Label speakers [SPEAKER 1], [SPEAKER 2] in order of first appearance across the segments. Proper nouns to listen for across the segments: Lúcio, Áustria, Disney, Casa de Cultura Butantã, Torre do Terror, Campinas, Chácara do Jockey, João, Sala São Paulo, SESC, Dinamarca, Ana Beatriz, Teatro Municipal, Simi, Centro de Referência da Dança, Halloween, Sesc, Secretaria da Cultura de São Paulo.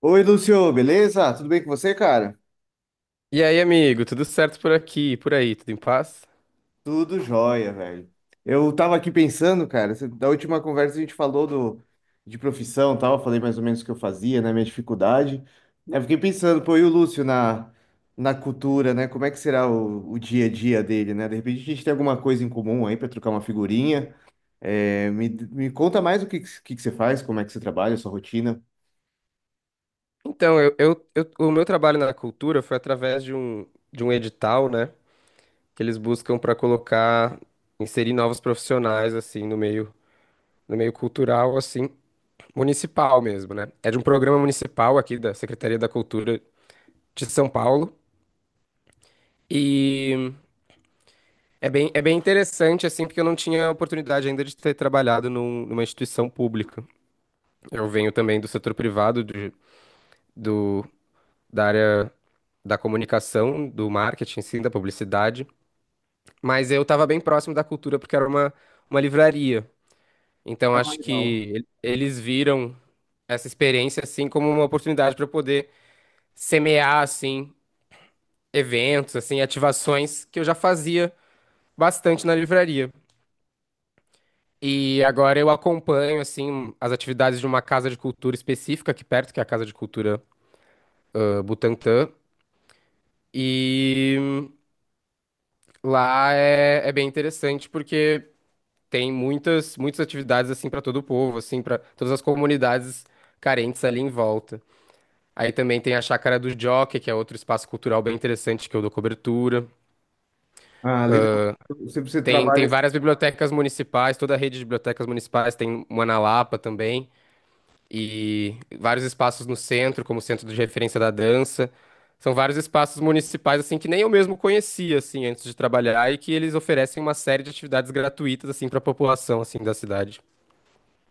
[SPEAKER 1] Oi, Lúcio, beleza? Tudo bem com você, cara?
[SPEAKER 2] E aí, amigo, tudo certo por aqui, e por aí, tudo em paz?
[SPEAKER 1] Tudo jóia, velho. Eu tava aqui pensando, cara, da última conversa a gente falou de profissão e tal, falei mais ou menos o que eu fazia, né, minha dificuldade. Eu fiquei pensando, pô, e o Lúcio na cultura, né, como é que será o dia a dia dele, né? De repente a gente tem alguma coisa em comum aí pra trocar uma figurinha. É, me conta mais o que você faz, como é que você trabalha, a sua rotina.
[SPEAKER 2] Então, o meu trabalho na cultura foi através de um edital, né, que eles buscam para colocar, inserir novos profissionais, assim, no meio cultural, assim, municipal mesmo, né? É de um programa municipal aqui da Secretaria da Cultura de São Paulo e é bem interessante, assim, porque eu não tinha a oportunidade ainda de ter trabalhado numa instituição pública. Eu venho também do setor privado, do, da área da comunicação, do marketing, sim, da publicidade, mas eu estava bem próximo da cultura porque uma livraria. Então
[SPEAKER 1] Ah,
[SPEAKER 2] acho
[SPEAKER 1] legal.
[SPEAKER 2] que eles viram essa experiência assim como uma oportunidade para eu poder semear assim eventos, assim ativações que eu já fazia bastante na livraria. E agora eu acompanho assim as atividades de uma casa de cultura específica aqui perto, que é a Casa de Cultura Butantã, e lá é bem interessante porque tem muitas atividades assim para todo o povo, assim, para todas as comunidades carentes ali em volta. Aí também tem a Chácara do Jockey, que é outro espaço cultural bem interessante que eu dou cobertura.
[SPEAKER 1] Ah, legal. Você
[SPEAKER 2] Tem
[SPEAKER 1] trabalha.
[SPEAKER 2] várias bibliotecas municipais, toda a rede de bibliotecas municipais tem uma na Lapa também, e vários espaços no centro, como o Centro de Referência da Dança. São vários espaços municipais assim que nem eu mesmo conhecia assim antes de trabalhar e que eles oferecem uma série de atividades gratuitas assim para a população assim da cidade.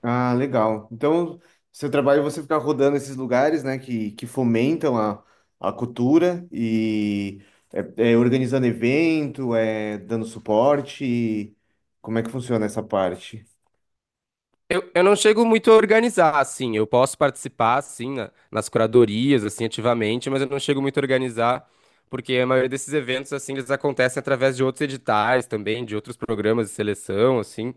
[SPEAKER 1] Ah, legal. Então, seu trabalho é você ficar rodando esses lugares, né, que fomentam a cultura e é, é organizando evento, é dando suporte. E como é que funciona essa parte?
[SPEAKER 2] Eu não chego muito a organizar, assim. Eu posso participar, assim, nas curadorias, assim, ativamente, mas eu não chego muito a organizar, porque a maioria desses eventos, assim, eles acontecem através de outros editais também, de outros programas de seleção, assim.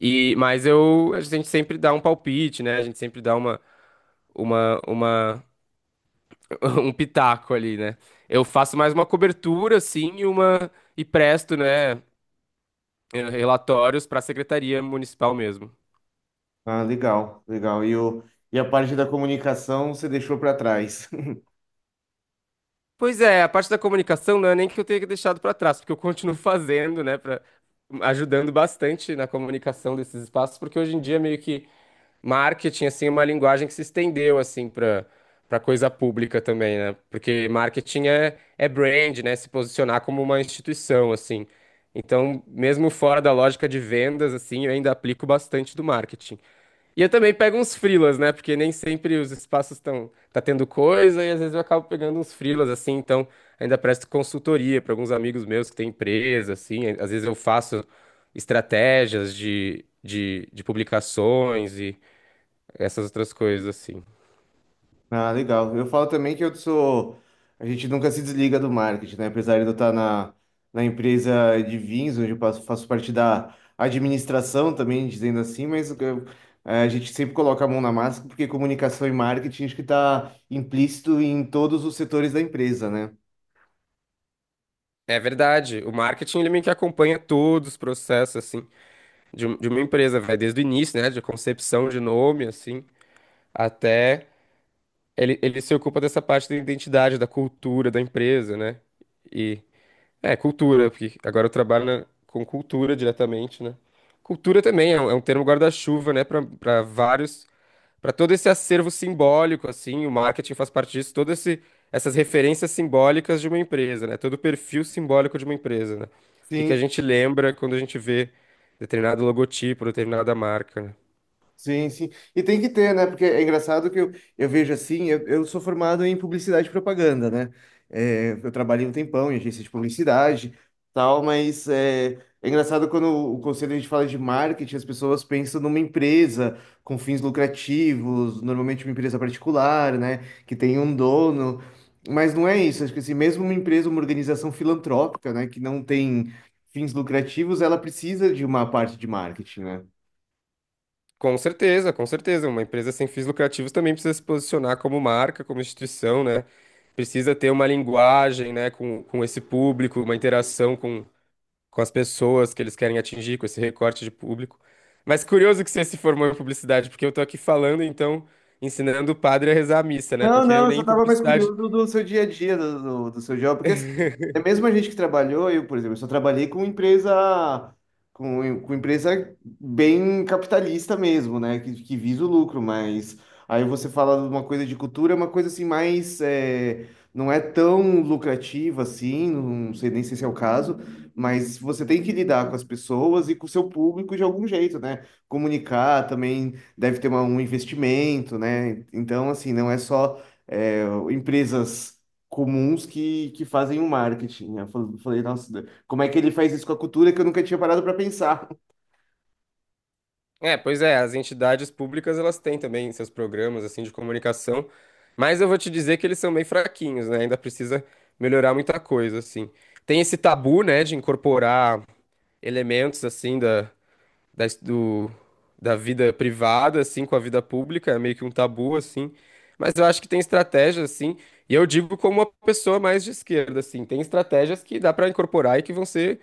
[SPEAKER 2] A gente sempre dá um palpite, né? A gente sempre dá uma, uma, um pitaco ali, né? Eu faço mais uma cobertura, assim, e presto, né, relatórios para a Secretaria Municipal mesmo.
[SPEAKER 1] Ah, legal, legal. E a parte da comunicação você deixou para trás.
[SPEAKER 2] Pois é, a parte da comunicação não é nem que eu tenha deixado para trás, porque eu continuo fazendo, né, para ajudando bastante na comunicação desses espaços, porque hoje em dia meio que marketing assim é uma linguagem que se estendeu assim para coisa pública também, né? Porque marketing é brand, né, se posicionar como uma instituição assim. Então, mesmo fora da lógica de vendas assim, eu ainda aplico bastante do marketing. E eu também pego uns frilas, né? Porque nem sempre os espaços estão tá tendo coisa e às vezes eu acabo pegando uns frilas assim, então ainda presto consultoria para alguns amigos meus que têm empresa, assim, às vezes eu faço estratégias de publicações e essas outras coisas assim.
[SPEAKER 1] Ah, legal. Eu falo também que eu sou. A gente nunca se desliga do marketing, né? Apesar de eu estar na empresa de vinhos, onde faço parte da administração também, dizendo assim, a gente sempre coloca a mão na massa, porque comunicação e marketing acho que está implícito em todos os setores da empresa, né?
[SPEAKER 2] É verdade, o marketing ele meio que acompanha todos os processos assim de uma empresa, vai desde o início, né, de concepção de nome assim, até ele se ocupa dessa parte da identidade, da cultura da empresa, né? E é cultura, porque agora eu trabalho com cultura diretamente, né? Cultura também é é um termo guarda-chuva, né? Para para todo esse acervo simbólico, assim, o marketing faz parte disso, todo esse essas referências simbólicas de uma empresa, né? Todo o perfil simbólico de uma empresa, né? O que que a
[SPEAKER 1] Sim.
[SPEAKER 2] gente lembra quando a gente vê determinado logotipo, determinada marca, né?
[SPEAKER 1] Sim, sim. E tem que ter, né? Porque é engraçado que eu, vejo assim, eu sou formado em publicidade e propaganda, né? É, eu trabalhei um tempão em agência de publicidade, tal, mas é, é engraçado quando o conselho a gente fala de marketing, as pessoas pensam numa empresa com fins lucrativos, normalmente uma empresa particular, né? Que tem um dono. Mas não é isso. Acho que assim, mesmo uma empresa, uma organização filantrópica, né? Que não tem fins lucrativos, ela precisa de uma parte de marketing, né?
[SPEAKER 2] Com certeza, com certeza. Uma empresa sem fins lucrativos também precisa se posicionar como marca, como instituição, né? Precisa ter uma linguagem, né, com esse público, uma interação com as pessoas que eles querem atingir, com esse recorte de público. Mas curioso que você se formou em publicidade, porque eu tô aqui falando, então, ensinando o padre a rezar a missa, né?
[SPEAKER 1] Não,
[SPEAKER 2] Porque
[SPEAKER 1] não,
[SPEAKER 2] eu
[SPEAKER 1] eu só
[SPEAKER 2] nem em
[SPEAKER 1] estava mais
[SPEAKER 2] publicidade.
[SPEAKER 1] curioso do seu dia a dia, do seu job, porque assim, é mesmo a gente que trabalhou, eu, por exemplo, eu só trabalhei com empresa, com empresa bem capitalista mesmo, né, que visa o lucro, mas aí você fala de uma coisa de cultura, é uma coisa assim mais, é, não é tão lucrativa assim, não sei nem se esse é o caso, mas você tem que lidar com as pessoas e com o seu público de algum jeito, né, comunicar também deve ter um investimento, né, então assim, não é só é, empresas comuns que fazem o marketing. Falei, nossa, como é que ele faz isso com a cultura que eu nunca tinha parado para pensar?
[SPEAKER 2] É, pois é, as entidades públicas elas têm também seus programas assim de comunicação, mas eu vou te dizer que eles são meio fraquinhos, né? Ainda precisa melhorar muita coisa, assim. Tem esse tabu, né, de incorporar elementos assim da, do, da vida privada assim com a vida pública, é meio que um tabu assim. Mas eu acho que tem estratégias assim, e eu digo como uma pessoa mais de esquerda assim, tem estratégias que dá para incorporar e que vão ser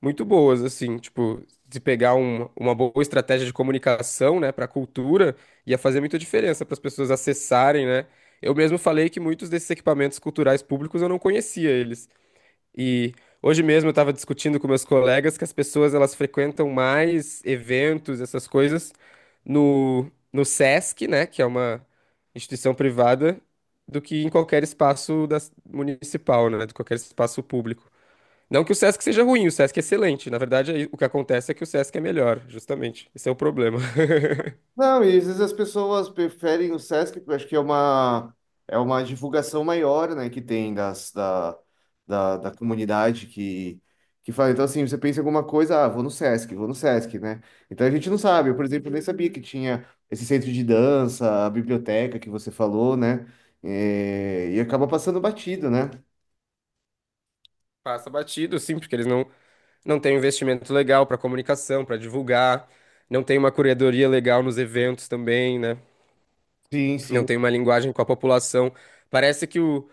[SPEAKER 2] muito boas, assim, tipo, de pegar uma boa estratégia de comunicação, né, para a cultura, ia fazer muita diferença para as pessoas acessarem, né? Eu mesmo falei que muitos desses equipamentos culturais públicos eu não conhecia eles. E hoje mesmo eu estava discutindo com meus colegas que as pessoas elas frequentam mais eventos, essas coisas, no SESC, né, que é uma instituição privada, do que em qualquer espaço municipal, né, de qualquer espaço público. Não que o Sesc seja ruim, o Sesc é excelente. Na verdade, aí o que acontece é que o Sesc é melhor, justamente. Esse é o problema.
[SPEAKER 1] Não, e às vezes as pessoas preferem o Sesc, porque eu acho que é uma divulgação maior, né, que tem da comunidade que fala. Então, assim, você pensa em alguma coisa, ah, vou no Sesc, né? Então a gente não sabe. Eu, por exemplo, nem sabia que tinha esse centro de dança, a biblioteca que você falou, né? É, e acaba passando batido, né?
[SPEAKER 2] Passa batido, sim, porque eles não, não têm um investimento legal para comunicação, para divulgar, não tem uma curadoria legal nos eventos também, né?
[SPEAKER 1] Sim,
[SPEAKER 2] Não
[SPEAKER 1] sim.
[SPEAKER 2] tem uma linguagem com a população. Parece que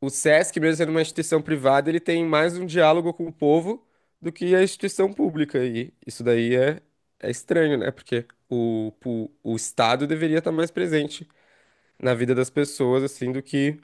[SPEAKER 2] o Sesc, mesmo sendo uma instituição privada, ele tem mais um diálogo com o povo do que a instituição pública. E isso daí é estranho, né? Porque o Estado deveria estar mais presente na vida das pessoas, assim, do que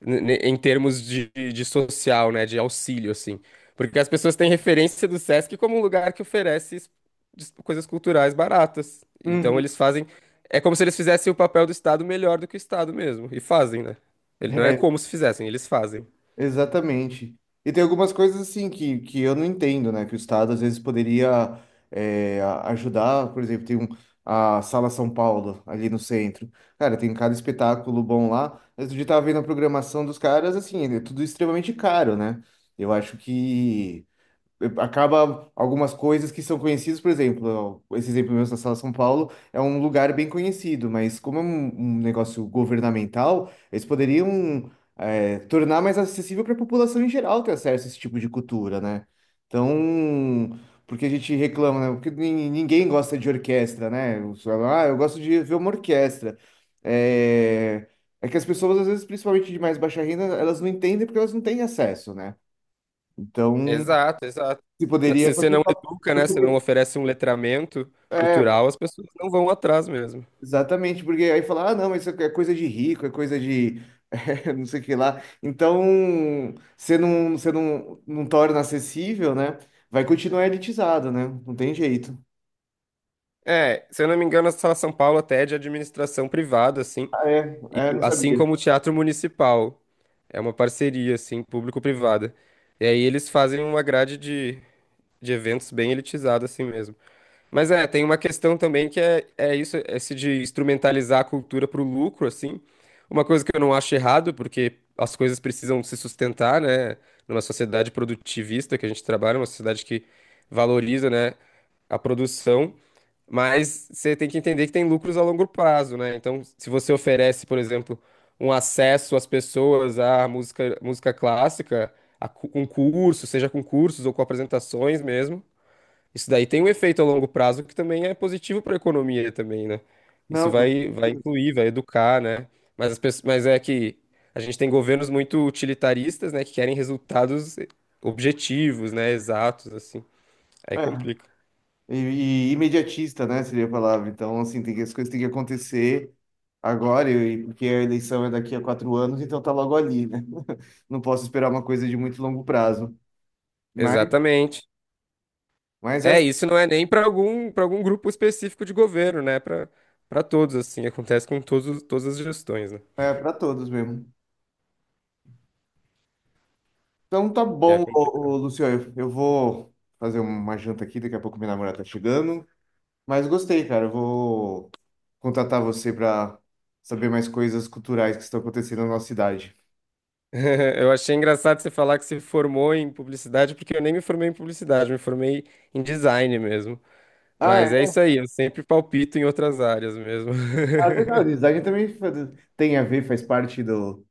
[SPEAKER 2] em termos de social, né, de auxílio, assim. Porque as pessoas têm referência do Sesc como um lugar que oferece coisas culturais baratas. Então
[SPEAKER 1] Uhum.
[SPEAKER 2] eles fazem. É como se eles fizessem o papel do Estado melhor do que o Estado mesmo. E fazem, né? Não é
[SPEAKER 1] É,
[SPEAKER 2] como se fizessem, eles fazem.
[SPEAKER 1] exatamente. E tem algumas coisas assim que eu não entendo, né? Que o Estado às vezes poderia é, ajudar, por exemplo, a Sala São Paulo ali no centro. Cara, tem cada espetáculo bom lá. Mas eu já tava vendo a programação dos caras, assim, é tudo extremamente caro, né? Eu acho que eh, acaba algumas coisas que são conhecidas, por exemplo, ó, esse exemplo mesmo da Sala São Paulo é um lugar bem conhecido, mas como é um negócio governamental, eles poderiam é, tornar mais acessível para a população em geral ter acesso a esse tipo de cultura, né? Então, porque a gente reclama, né? Porque ninguém gosta de orquestra, né? Os- Ah, eu gosto de ver uma orquestra. É... É que as pessoas, às vezes, principalmente de mais baixa renda, elas não entendem porque elas não têm acesso, né? Então,
[SPEAKER 2] Exato, exato.
[SPEAKER 1] se poderia
[SPEAKER 2] Se você não
[SPEAKER 1] participar.
[SPEAKER 2] educa, né, se não
[SPEAKER 1] Porque-
[SPEAKER 2] oferece um letramento
[SPEAKER 1] É,
[SPEAKER 2] cultural, as pessoas não vão atrás mesmo.
[SPEAKER 1] exatamente, porque aí falar, ah, não, mas isso é coisa de rico, é coisa de é, não sei o que lá. Então, você não, não torna acessível, né? Vai continuar elitizado, né? Não tem jeito.
[SPEAKER 2] É, se eu não me engano, a Sala São Paulo até é de administração privada, assim.
[SPEAKER 1] Ah,
[SPEAKER 2] E
[SPEAKER 1] é, é, não
[SPEAKER 2] assim
[SPEAKER 1] sabia.
[SPEAKER 2] como o Teatro Municipal, é uma parceria, assim, público-privada. E aí eles fazem uma grade de eventos bem elitizada, assim mesmo. Mas é, tem uma questão também que é isso, é esse de instrumentalizar a cultura para o lucro, assim. Uma coisa que eu não acho errado, porque as coisas precisam se sustentar, né? Numa sociedade produtivista que a gente trabalha, uma sociedade que valoriza, né, a produção, mas você tem que entender que tem lucros a longo prazo, né? Então, se você oferece, por exemplo, um acesso às pessoas à música, música clássica, com cursos, seja com cursos ou com apresentações mesmo, isso daí tem um efeito a longo prazo que também é positivo para a economia também, né? Isso
[SPEAKER 1] Não, com
[SPEAKER 2] vai, vai
[SPEAKER 1] certeza.
[SPEAKER 2] incluir, vai educar, né? Mas, as pessoas, mas é que a gente tem governos muito utilitaristas, né, que querem resultados objetivos, né, exatos, assim. Aí
[SPEAKER 1] É.
[SPEAKER 2] complica.
[SPEAKER 1] E, e imediatista, né, seria a palavra. Então, assim, tem que, as coisas têm que acontecer agora, e, porque a eleição é daqui a 4 anos, então tá logo ali, né? Não posso esperar uma coisa de muito longo prazo. Mas.
[SPEAKER 2] Exatamente.
[SPEAKER 1] Mas é,
[SPEAKER 2] É, isso não é nem para algum, para algum grupo específico de governo, né? Para todos, assim. Acontece com todos, todas as gestões, né?
[SPEAKER 1] é para todos mesmo. Então tá
[SPEAKER 2] É
[SPEAKER 1] bom, ô,
[SPEAKER 2] complicado.
[SPEAKER 1] ô, Luciano. Eu vou fazer uma janta aqui, daqui a pouco minha namorada tá chegando. Mas gostei, cara. Eu vou contatar você para saber mais coisas culturais que estão acontecendo na nossa cidade.
[SPEAKER 2] Eu achei engraçado você falar que se formou em publicidade, porque eu nem me formei em publicidade, eu me formei em design mesmo.
[SPEAKER 1] Ah,
[SPEAKER 2] Mas é
[SPEAKER 1] é.
[SPEAKER 2] isso aí, eu sempre palpito em outras áreas mesmo.
[SPEAKER 1] Ah, legal. Design também tem a ver, faz parte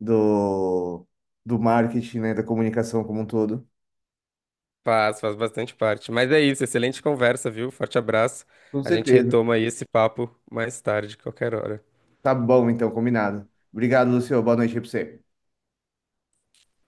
[SPEAKER 1] do, do marketing, né? Da comunicação como um todo.
[SPEAKER 2] Faz, faz bastante parte. Mas é isso, excelente conversa, viu? Forte abraço.
[SPEAKER 1] Com
[SPEAKER 2] A gente
[SPEAKER 1] certeza.
[SPEAKER 2] retoma aí esse papo mais tarde, qualquer hora.
[SPEAKER 1] Tá bom, então, combinado. Obrigado, Lucio. Boa noite aí pra você.